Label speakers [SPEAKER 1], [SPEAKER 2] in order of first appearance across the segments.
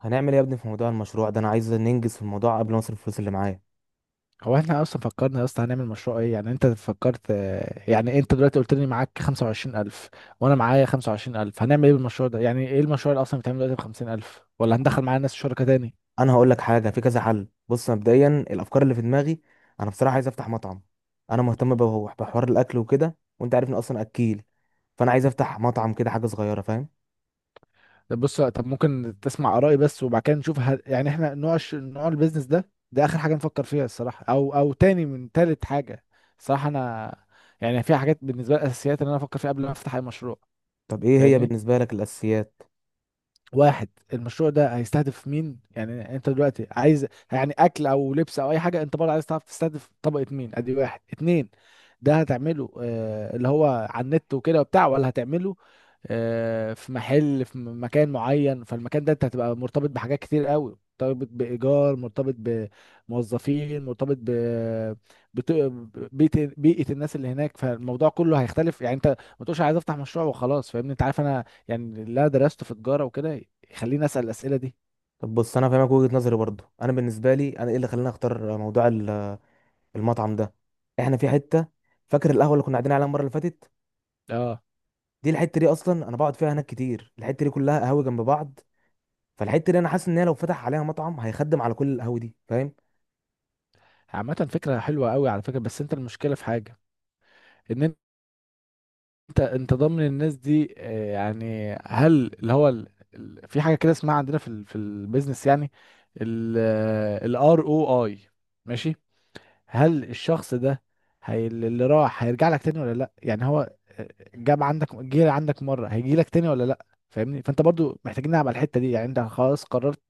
[SPEAKER 1] هنعمل ايه يا ابني في موضوع المشروع ده؟ انا عايز ننجز في الموضوع قبل ما اصرف الفلوس اللي معايا.
[SPEAKER 2] هو احنا اصلا فكرنا يا اسطى هنعمل مشروع ايه؟ يعني انت فكرت آه، يعني انت دلوقتي قلت لي معاك 25000 وانا معايا 25000، هنعمل ايه بالمشروع ده؟ يعني ايه المشروع اللي اصلا بيتعمل دلوقتي ب 50000؟ ولا
[SPEAKER 1] انا
[SPEAKER 2] هندخل معانا ناس شركة تاني؟
[SPEAKER 1] أنا هقول لك حاجه، في كذا حل. بص، مبدئيا الافكار اللي في دماغي، انا بصراحه عايز افتح مطعم. انا مهتم بحوار الاكل وكده، وانت عارف اني اصلا اكيل. فانا عايز افتح مطعم كده، حاجه صغيره، فاهم؟
[SPEAKER 2] طب بص، طب ممكن تسمع ارائي بس وبعد كده نشوف؟ يعني احنا نوع نوع البيزنس ده ده اخر حاجة نفكر فيها الصراحة، او تاني من تالت حاجة الصراحة. انا يعني في حاجات بالنسبة لي اساسيات ان انا افكر فيها قبل ما افتح اي مشروع،
[SPEAKER 1] طب ايه هي
[SPEAKER 2] فاهمني؟
[SPEAKER 1] بالنسبه لك الاساسيات؟
[SPEAKER 2] واحد، المشروع ده هيستهدف مين؟ يعني انت دلوقتي عايز يعني اكل او لبس او اي حاجه، انت برضه عايز تعرف تستهدف طبقه مين. ادي واحد اتنين، ده هتعمله آه اللي هو على النت وكده وبتاع، ولا هتعمله آه في محل في مكان معين؟ فالمكان ده انت هتبقى مرتبط بحاجات كتير قوي، مرتبط بإيجار، مرتبط بموظفين، مرتبط ب بت- بيئة الناس اللي هناك. فالموضوع كله هيختلف، يعني انت ما تقولش عايز افتح مشروع وخلاص. فاهمني؟ انت عارف انا يعني اللي أنا درسته في تجارة وكده يخليني أسأل الأسئلة دي.
[SPEAKER 1] طب بص، انا فاهمك. وجهه نظري برضو، انا بالنسبه لي، انا ايه اللي خلاني اختار موضوع المطعم ده؟ احنا في حته، فاكر القهوه اللي كنا قاعدين عليها المره اللي فاتت؟
[SPEAKER 2] اه،
[SPEAKER 1] دي الحته دي اصلا انا بقعد فيها هناك كتير. الحته دي كلها قهاوي جنب بعض. فالحته دي انا حاسس ان هي لو فتح عليها مطعم هيخدم على كل القهوه دي، فاهم؟
[SPEAKER 2] عامة فكرة حلوة قوي على فكرة، بس انت المشكلة في حاجة، ان انت انت ضامن الناس دي آه، يعني هل اللي هو في حاجة كده اسمها عندنا في ال في البيزنس يعني الار او اي، ماشي. هل الشخص ده، هي اللي راح هيرجع لك تاني ولا لا؟ يعني هو آه، جاب عندك، جه عندك مرة، هيجي لك تاني ولا لا؟ فاهمني؟ فانت برضو محتاجين نلعب على الحتة دي. يعني انت خلاص قررت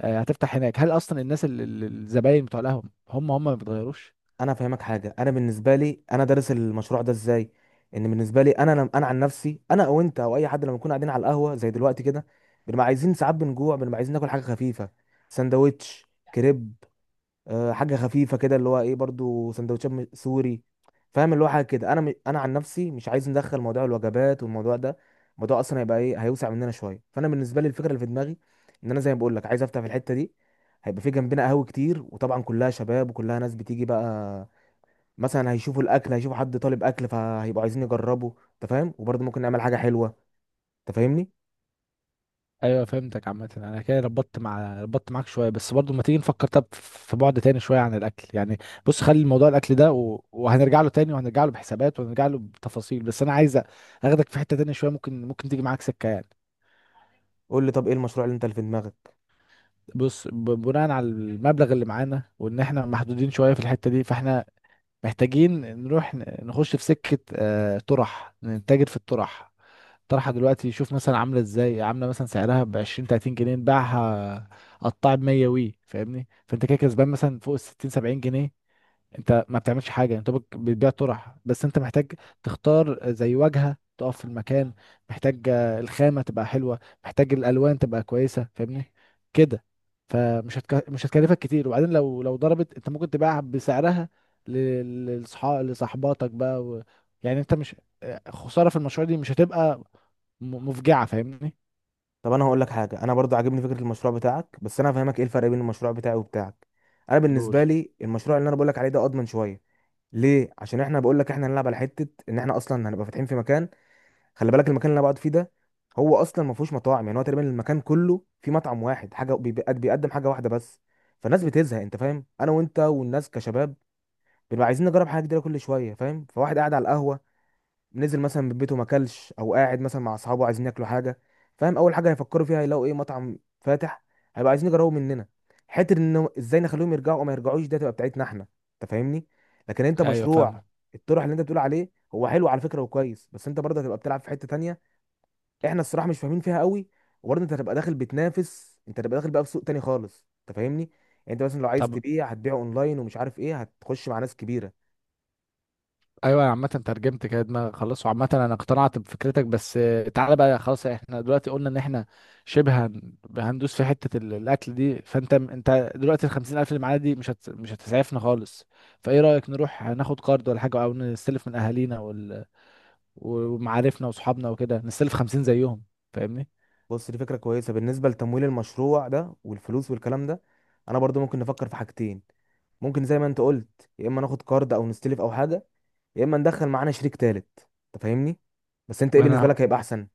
[SPEAKER 2] آه، هتفتح هناك، هل اصلا الناس الزباين بتوع القهوه هم هم ما بيتغيروش؟
[SPEAKER 1] انا فاهمك حاجه. انا بالنسبه لي انا دارس المشروع ده ازاي، ان بالنسبه لي انا انا عن نفسي، انا او انت او اي حد، لما نكون قاعدين على القهوه زي دلوقتي كده، بنبقى عايزين ساعات، بنجوع، بنبقى عايزين ناكل حاجه خفيفه. سندوتش، كريب، حاجه خفيفه كده، اللي هو ايه، برضو سندوتشات سوري، فاهم؟ اللي هو حاجه كده. انا انا عن نفسي مش عايز ندخل موضوع الوجبات والموضوع ده، الموضوع اصلا هيبقى ايه، هيوسع مننا شويه. فانا بالنسبه لي الفكره اللي في دماغي ان انا زي ما بقول لك عايز افتح في الحته دي، هيبقى في جنبنا قهوه كتير، وطبعا كلها شباب وكلها ناس بتيجي بقى. مثلا هيشوفوا الاكل، هيشوفوا حد طالب اكل، فهيبقوا عايزين يجربوا، انت فاهم؟ وبرضه ممكن نعمل حاجه حلوه، انت فاهمني؟
[SPEAKER 2] ايوه فهمتك. عامه انا كده ربطت مع ربطت معاك شويه، بس برضو ما تيجي نفكر، طب في بعد تاني شويه عن الاكل يعني. بص خلي موضوع الاكل ده وهنرجع له تاني، وهنرجع له بحسابات، وهنرجع له بتفاصيل، بس انا عايز اخدك في حته تانية شويه، ممكن تيجي معاك سكه يعني.
[SPEAKER 1] قول لي، طب ايه المشروع اللي انت اللي في دماغك؟
[SPEAKER 2] بص، بناء على المبلغ اللي معانا وان احنا محدودين شويه في الحته دي، فاحنا محتاجين نروح نخش في سكه آه، طرح، نتاجر في الطرح. طرحه دلوقتي شوف مثلا عامله ازاي، عامله مثلا سعرها ب 20 30 جنيه، نباعها قطاع ب 100 وي. فاهمني؟ فانت كده كسبان مثلا فوق ال 60 70 جنيه. انت ما بتعملش حاجه، انت بتبيع طرح بس. انت محتاج تختار زي واجهه تقف في المكان، محتاج آه، الخامه تبقى حلوه، محتاج الالوان تبقى كويسه. فاهمني كده؟ مش هتكلفك كتير. وبعدين لو ضربت انت، ممكن تبيعها بسعرها ل- للصحاب، لصاحباتك بقى يعني انت مش آه، خساره في المشروع دي مش هتبقى مفجعه. فاهمني؟
[SPEAKER 1] طب انا هقول لك حاجه. انا برضو عاجبني فكره المشروع بتاعك، بس انا هفهمك ايه الفرق بين المشروع بتاعي وبتاعك. انا بالنسبه
[SPEAKER 2] قول.
[SPEAKER 1] لي المشروع اللي انا بقول لك عليه ده اضمن شويه. ليه؟ عشان احنا، بقول لك، احنا هنلعب على حته ان احنا اصلا هنبقى فاتحين في مكان، خلي بالك المكان اللي انا بقعد فيه ده هو اصلا ما فيهوش مطاعم. يعني هو تقريبا المكان كله فيه مطعم واحد، حاجه بيقدم حاجه واحده بس. فالناس بتزهق. انت فاهم، انا وانت والناس كشباب بنبقى عايزين نجرب حاجه جديده كل شويه، فاهم؟ فواحد قاعد على القهوه، نزل مثلا من بيته ما اكلش، او قاعد مثلا مع اصحابه عايزين ياكلوا حاجه، فاهم؟ اول حاجه هيفكروا فيها، هيلاقوا ايه؟ مطعم فاتح، هيبقى عايزين يجربوا مننا. حته ان ازاي نخليهم يرجعوا او ما يرجعوش، ده تبقى بتاعتنا احنا، انت فاهمني؟ لكن انت
[SPEAKER 2] ايوه
[SPEAKER 1] مشروع
[SPEAKER 2] فاهمك.
[SPEAKER 1] الطرح اللي انت بتقول عليه هو حلو على فكره وكويس، بس انت برضه هتبقى بتلعب في حته تانية احنا الصراحه مش فاهمين فيها قوي، وبرضه انت هتبقى داخل بتنافس، انت هتبقى داخل بقى في سوق تاني خالص، انت فاهمني؟ يعني انت مثلا لو عايز
[SPEAKER 2] طب
[SPEAKER 1] تبيع، هتبيع اونلاين ومش عارف ايه، هتخش مع ناس كبيره.
[SPEAKER 2] ايوه، عامة ترجمت كده دماغي خلاص، وعامة انا اقتنعت بفكرتك بس. آه، تعالى بقى خلاص، احنا دلوقتي قلنا ان احنا شبه هندوس في حتة الاكل دي. فانت دلوقتي ال 50 الف اللي معانا دي مش هتسعفنا خالص. فايه رأيك نروح ناخد قرض ولا حاجة، او نستلف من اهالينا ومعارفنا وصحابنا وكده، نستلف 50 زيهم. فاهمني؟
[SPEAKER 1] بص، دي فكرة كويسة بالنسبة لتمويل المشروع ده والفلوس والكلام ده. انا برضو ممكن نفكر في حاجتين. ممكن زي ما انت قلت يا اما ناخد كارد او نستلف او حاجة، يا اما ندخل معانا شريك تالت، انت فاهمني؟ بس انت ايه بالنسبة
[SPEAKER 2] انا
[SPEAKER 1] لك هيبقى احسن؟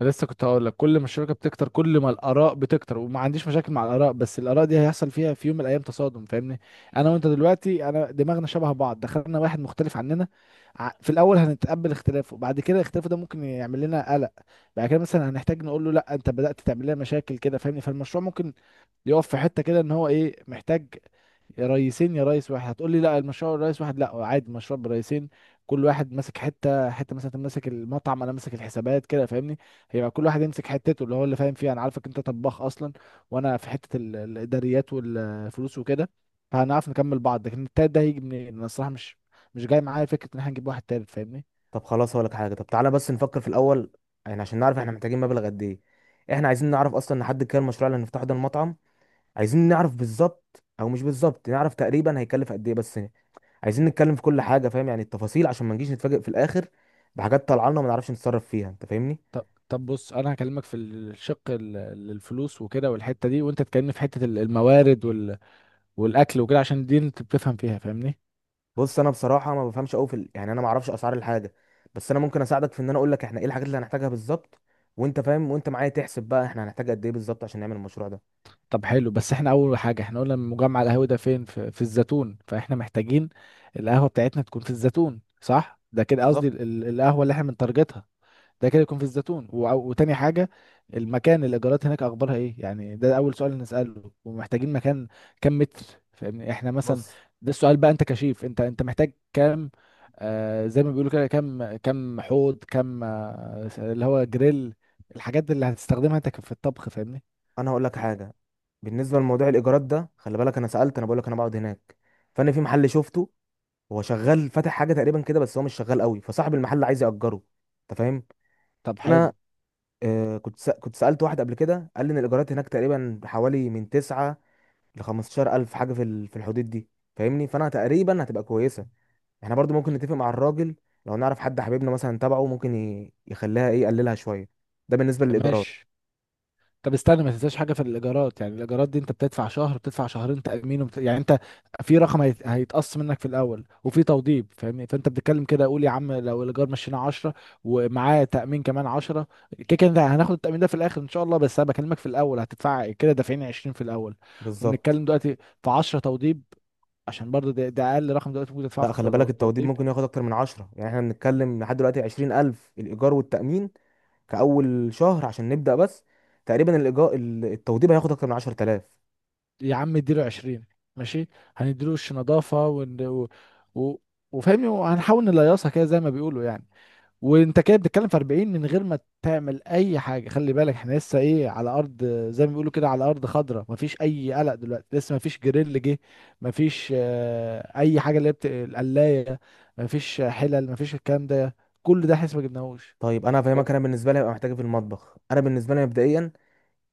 [SPEAKER 2] أنا لسه كنت هقول لك، كل ما الشبكه بتكتر كل ما الاراء بتكتر، وما عنديش مشاكل مع الاراء، بس الاراء دي هيحصل فيها في يوم من الايام تصادم. فاهمني؟ انا وانت دلوقتي انا دماغنا شبه بعض، دخلنا واحد مختلف عننا في الاول هنتقبل اختلافه، بعد كده اختلافه ده ممكن يعمل لنا قلق، بعد كده مثلا هنحتاج نقول له لا انت بدات تعمل لنا مشاكل كده. فاهمني؟ فالمشروع ممكن يقف في حته كده، ان هو ايه محتاج. يا ريسين يا ريس واحد. هتقول لي لا المشروع رئيس واحد، لا عادي مشروع برئيسين، كل واحد ماسك حته، حته مثلا انت ماسك المطعم، انا ماسك الحسابات كده. فاهمني؟ هيبقى كل واحد يمسك حتته اللي هو اللي فاهم فيها. انا عارفك انت طباخ اصلا، وانا في حته الاداريات والفلوس وكده، فهنعرف نكمل بعض. لكن التالت ده هيجي منين؟ انا الصراحه مش جاي معايا فكره ان احنا نجيب واحد تالت. فاهمني؟
[SPEAKER 1] طب خلاص، هقول لك حاجة. طب تعالى بس نفكر في الاول، يعني عشان نعرف احنا محتاجين مبلغ قد ايه. احنا عايزين نعرف اصلا نحدد كام المشروع اللي هنفتحه ده المطعم. عايزين نعرف بالظبط، او مش بالظبط، نعرف تقريبا هيكلف قد ايه بس. عايزين نتكلم في كل حاجه، فاهم؟ يعني التفاصيل عشان ما نجيش نتفاجئ في الاخر بحاجات طالعه لنا وما نعرفش نتصرف فيها، انت فاهمني؟
[SPEAKER 2] طب بص، انا هكلمك في الشق الفلوس وكده والحته دي، وانت تكلمني في حته الموارد والاكل وكده، عشان دي انت بتفهم فيها. فاهمني؟
[SPEAKER 1] بص انا بصراحه ما بفهمش قوي في يعني انا ما اعرفش اسعار الحاجه، بس انا ممكن اساعدك في ان انا اقول لك احنا ايه الحاجات اللي هنحتاجها بالظبط، وانت فاهم وانت معايا تحسب بقى احنا هنحتاج قد ايه بالظبط عشان نعمل المشروع ده.
[SPEAKER 2] طب حلو. بس احنا اول حاجه احنا قلنا المجمع القهوي ده فين؟ في الزيتون. فاحنا محتاجين القهوه بتاعتنا تكون في الزيتون، صح؟ ده كده قصدي
[SPEAKER 1] بالظبط.
[SPEAKER 2] القهوه اللي احنا بنتارجتها ده كده يكون في الزيتون. وتاني حاجه، المكان الايجارات هناك اخبارها ايه يعني؟ ده اول سؤال نساله. ومحتاجين مكان كام متر؟ فاهمني؟ احنا مثلا،
[SPEAKER 1] بص
[SPEAKER 2] ده السؤال بقى، انت كشيف، انت انت محتاج كام آه زي ما بيقولوا كده؟ كام كام حوض، كام آه اللي هو جريل، الحاجات اللي هتستخدمها انت في الطبخ. فاهمني؟
[SPEAKER 1] انا هقول لك حاجه. بالنسبه لموضوع الايجارات ده، خلي بالك انا سالت، انا بقول لك انا بقعد هناك، فانا في محل شفته، هو شغال فاتح حاجه تقريبا كده بس هو مش شغال قوي، فصاحب المحل عايز ياجره، انت فاهم؟
[SPEAKER 2] طب حلو،
[SPEAKER 1] انا كنت سألت واحد قبل كده، قال لي ان الايجارات هناك تقريبا حوالي من 9 ل 15000 الف حاجه في في الحدود دي، فاهمني؟ فانا تقريبا هتبقى كويسه. احنا برضو ممكن نتفق مع الراجل، لو نعرف حد حبيبنا مثلا تبعه ممكن يخليها ايه، يقللها شويه. ده بالنسبه للايجارات.
[SPEAKER 2] ماشي. طب استنى ما تنساش حاجه في الايجارات، يعني الايجارات دي انت بتدفع شهر، بتدفع شهرين تامين، يعني انت في رقم هيتقص منك في الاول وفي توضيب. فاهمني؟ فانت بتتكلم كده، قول يا عم لو الايجار مشينا 10 ومعاه تامين كمان 10، كده كده ده هناخد التامين ده في الاخر ان شاء الله، بس انا بكلمك في الاول هتدفع كده دافعين 20 في الاول.
[SPEAKER 1] بالظبط.
[SPEAKER 2] وبنتكلم دلوقتي في 10 توضيب، عشان برضه ده اقل رقم دلوقتي ممكن تدفعه في
[SPEAKER 1] لا، خلي بالك التوضيب
[SPEAKER 2] توضيب.
[SPEAKER 1] ممكن ياخد اكتر من 10. يعني احنا بنتكلم لحد دلوقتي 20000 الايجار والتامين كاول شهر عشان نبدا بس. تقريبا الايجار التوضيب هياخد اكتر من 10000.
[SPEAKER 2] يا عم اديله 20، ماشي، هنديله وش نظافه و... وفاهمني، وهنحاول نليصها كده زي ما بيقولوا يعني. وانت كده بتتكلم في 40 من غير ما تعمل اي حاجه. خلي بالك احنا لسه ايه على ارض، زي ما بيقولوا كده على ارض خضراء، مفيش اي قلق دلوقتي، لسه مفيش جريل جه، مفيش آه، اي حاجه اللي هي القلايه، مفيش حلل، مفيش الكلام ده، كل ده احنا لسه ما جبناهوش.
[SPEAKER 1] طيب انا فاهمك. انا
[SPEAKER 2] فاهمني؟
[SPEAKER 1] بالنسبه لي هبقى محتاج إيه في المطبخ؟ انا بالنسبه لي مبدئيا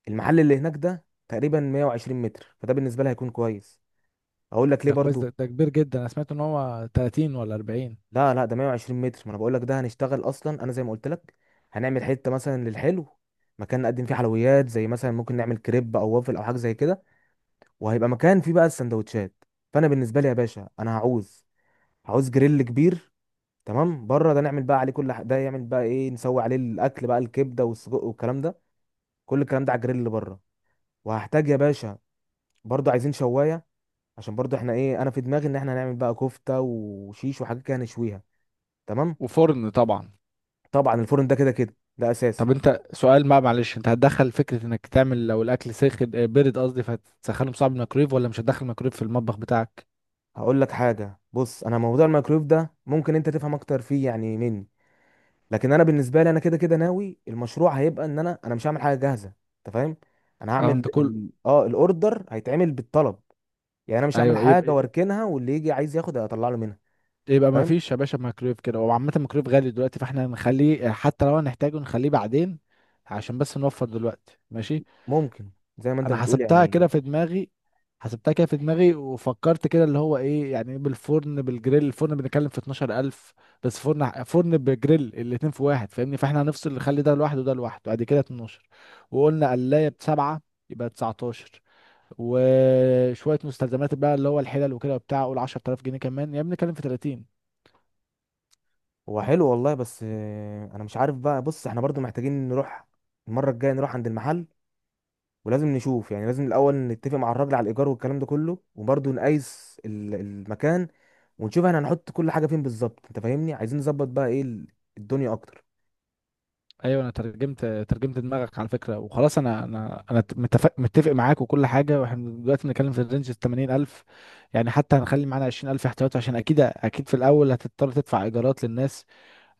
[SPEAKER 1] المحل اللي هناك ده تقريبا 120 متر، فده بالنسبه لي هيكون كويس. اقول لك ليه
[SPEAKER 2] ده كويس،
[SPEAKER 1] برضو.
[SPEAKER 2] ده كبير جدا. انا سمعت ان هو 30 ولا 40.
[SPEAKER 1] لا لا، ده 120 متر. ما انا بقول لك ده هنشتغل اصلا. انا زي ما قلت لك هنعمل حته مثلا للحلو، مكان نقدم فيه حلويات، زي مثلا ممكن نعمل كريب او وافل او حاجه زي كده. وهيبقى مكان فيه بقى السندوتشات. فانا بالنسبه لي يا باشا، انا هعوز، هعوز جريل كبير تمام بره، ده نعمل بقى عليه كل ده يعمل بقى ايه، نسوي عليه الاكل بقى، الكبده والسجق والكلام ده، كل الكلام ده على الجريل اللي بره. وهحتاج يا باشا برضو عايزين شوايه، عشان برضو احنا ايه، انا في دماغي ان احنا هنعمل بقى كفته وشيش وحاجات كده نشويها، تمام.
[SPEAKER 2] وفرن طبعا.
[SPEAKER 1] طبعا الفرن ده كده كده ده اساسي.
[SPEAKER 2] طب انت سؤال بقى معلش، انت هتدخل فكرة انك تعمل لو الاكل ساخن آه، بارد قصدي، فهتسخنه بصعب الميكرويف، ولا مش هتدخل ميكرويف في المطبخ بتاعك؟
[SPEAKER 1] هقول لك حاجه. بص انا موضوع الميكرويف ده ممكن انت تفهم اكتر فيه يعني مني، لكن انا بالنسبه لي انا كده كده ناوي المشروع هيبقى ان انا مش هعمل حاجه جاهزه، انت فاهم؟ انا
[SPEAKER 2] اه
[SPEAKER 1] هعمل
[SPEAKER 2] انت كل.
[SPEAKER 1] ال... اه الاوردر هيتعمل بالطلب. يعني انا مش هعمل
[SPEAKER 2] ايوه
[SPEAKER 1] حاجه
[SPEAKER 2] يبقى،
[SPEAKER 1] واركنها واللي يجي عايز ياخد اطلع له منها،
[SPEAKER 2] يبقى ما
[SPEAKER 1] فاهم؟
[SPEAKER 2] فيش يا باشا ميكرويف كده. وعامة الميكرويف غالي دلوقتي، فاحنا هنخليه آه، حتى لو هنحتاجه نخليه بعدين، عشان بس نوفر دلوقتي. ماشي،
[SPEAKER 1] ممكن، زي ما انت
[SPEAKER 2] انا
[SPEAKER 1] بتقول
[SPEAKER 2] حسبتها
[SPEAKER 1] يعني.
[SPEAKER 2] كده في دماغي، حسبتها كده في دماغي وفكرت كده اللي هو ايه يعني إيه، بالفرن، بالجريل، الفرن بنتكلم في 12000 بس. فرن بجريل، الاتنين في واحد. فاهمني؟ فاحنا هنفصل، نخلي ده لوحده وده لوحده. بعد كده 12، وقلنا قلاية بسبعة، يبقى 19. وشوية مستلزمات بقى اللي هو الحلل وكده وبتاع، قول 10000 جنيه كمان، يعني بنتكلم في 30.
[SPEAKER 1] هو حلو والله، بس انا مش عارف بقى. بص احنا برضو محتاجين نروح المره الجايه، نروح عند المحل، ولازم نشوف، يعني لازم الاول نتفق مع الراجل على الايجار والكلام ده كله، وبرضو نقيس المكان، ونشوف احنا هنحط كل حاجه فين بالظبط، انت فاهمني؟ عايزين نظبط بقى ايه الدنيا اكتر.
[SPEAKER 2] ايوه انا ترجمت دماغك على فكره وخلاص. انا انا متفق معاك وكل حاجه. واحنا دلوقتي بنتكلم في الرينج ال 80000، يعني حتى هنخلي معانا 20000 احتياطي، عشان اكيد في الاول هتضطر تدفع ايجارات للناس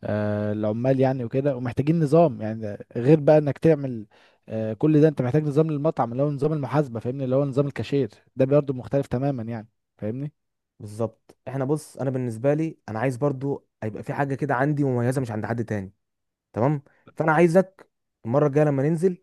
[SPEAKER 2] آه العمال يعني وكده. ومحتاجين نظام، يعني غير بقى انك تعمل آه كل ده، انت محتاج نظام للمطعم اللي هو نظام المحاسبه. فاهمني؟ اللي هو نظام الكاشير، ده برضه مختلف تماما يعني. فاهمني؟
[SPEAKER 1] بالظبط. احنا بص، انا بالنسبه لي انا عايز برضو هيبقى في حاجه كده عندي مميزه مش عند حد تاني، تمام؟ فانا عايزك المره الجايه لما ننزل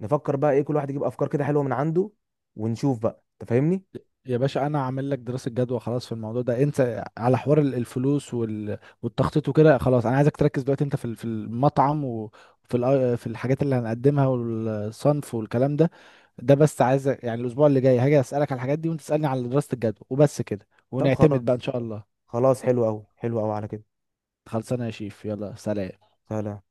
[SPEAKER 1] نفكر بقى ايه، كل واحد يجيب افكار كده حلوه من عنده ونشوف بقى، انت فاهمني؟
[SPEAKER 2] يا باشا انا عامل لك دراسه جدوى خلاص في الموضوع ده. انت على حوار الفلوس والتخطيط وكده خلاص. انا عايزك تركز دلوقتي انت في في المطعم، وفي في الحاجات اللي هنقدمها والصنف والكلام ده ده بس. عايز يعني الاسبوع اللي جاي هاجي اسالك على الحاجات دي، وانت تسالني على دراسه الجدوى، وبس كده،
[SPEAKER 1] طب
[SPEAKER 2] ونعتمد بقى
[SPEAKER 1] خلاص،
[SPEAKER 2] ان شاء الله.
[SPEAKER 1] خلاص حلو قوي، حلو قوي على كده.
[SPEAKER 2] خلصانه يا شيف، يلا سلام.
[SPEAKER 1] سهله.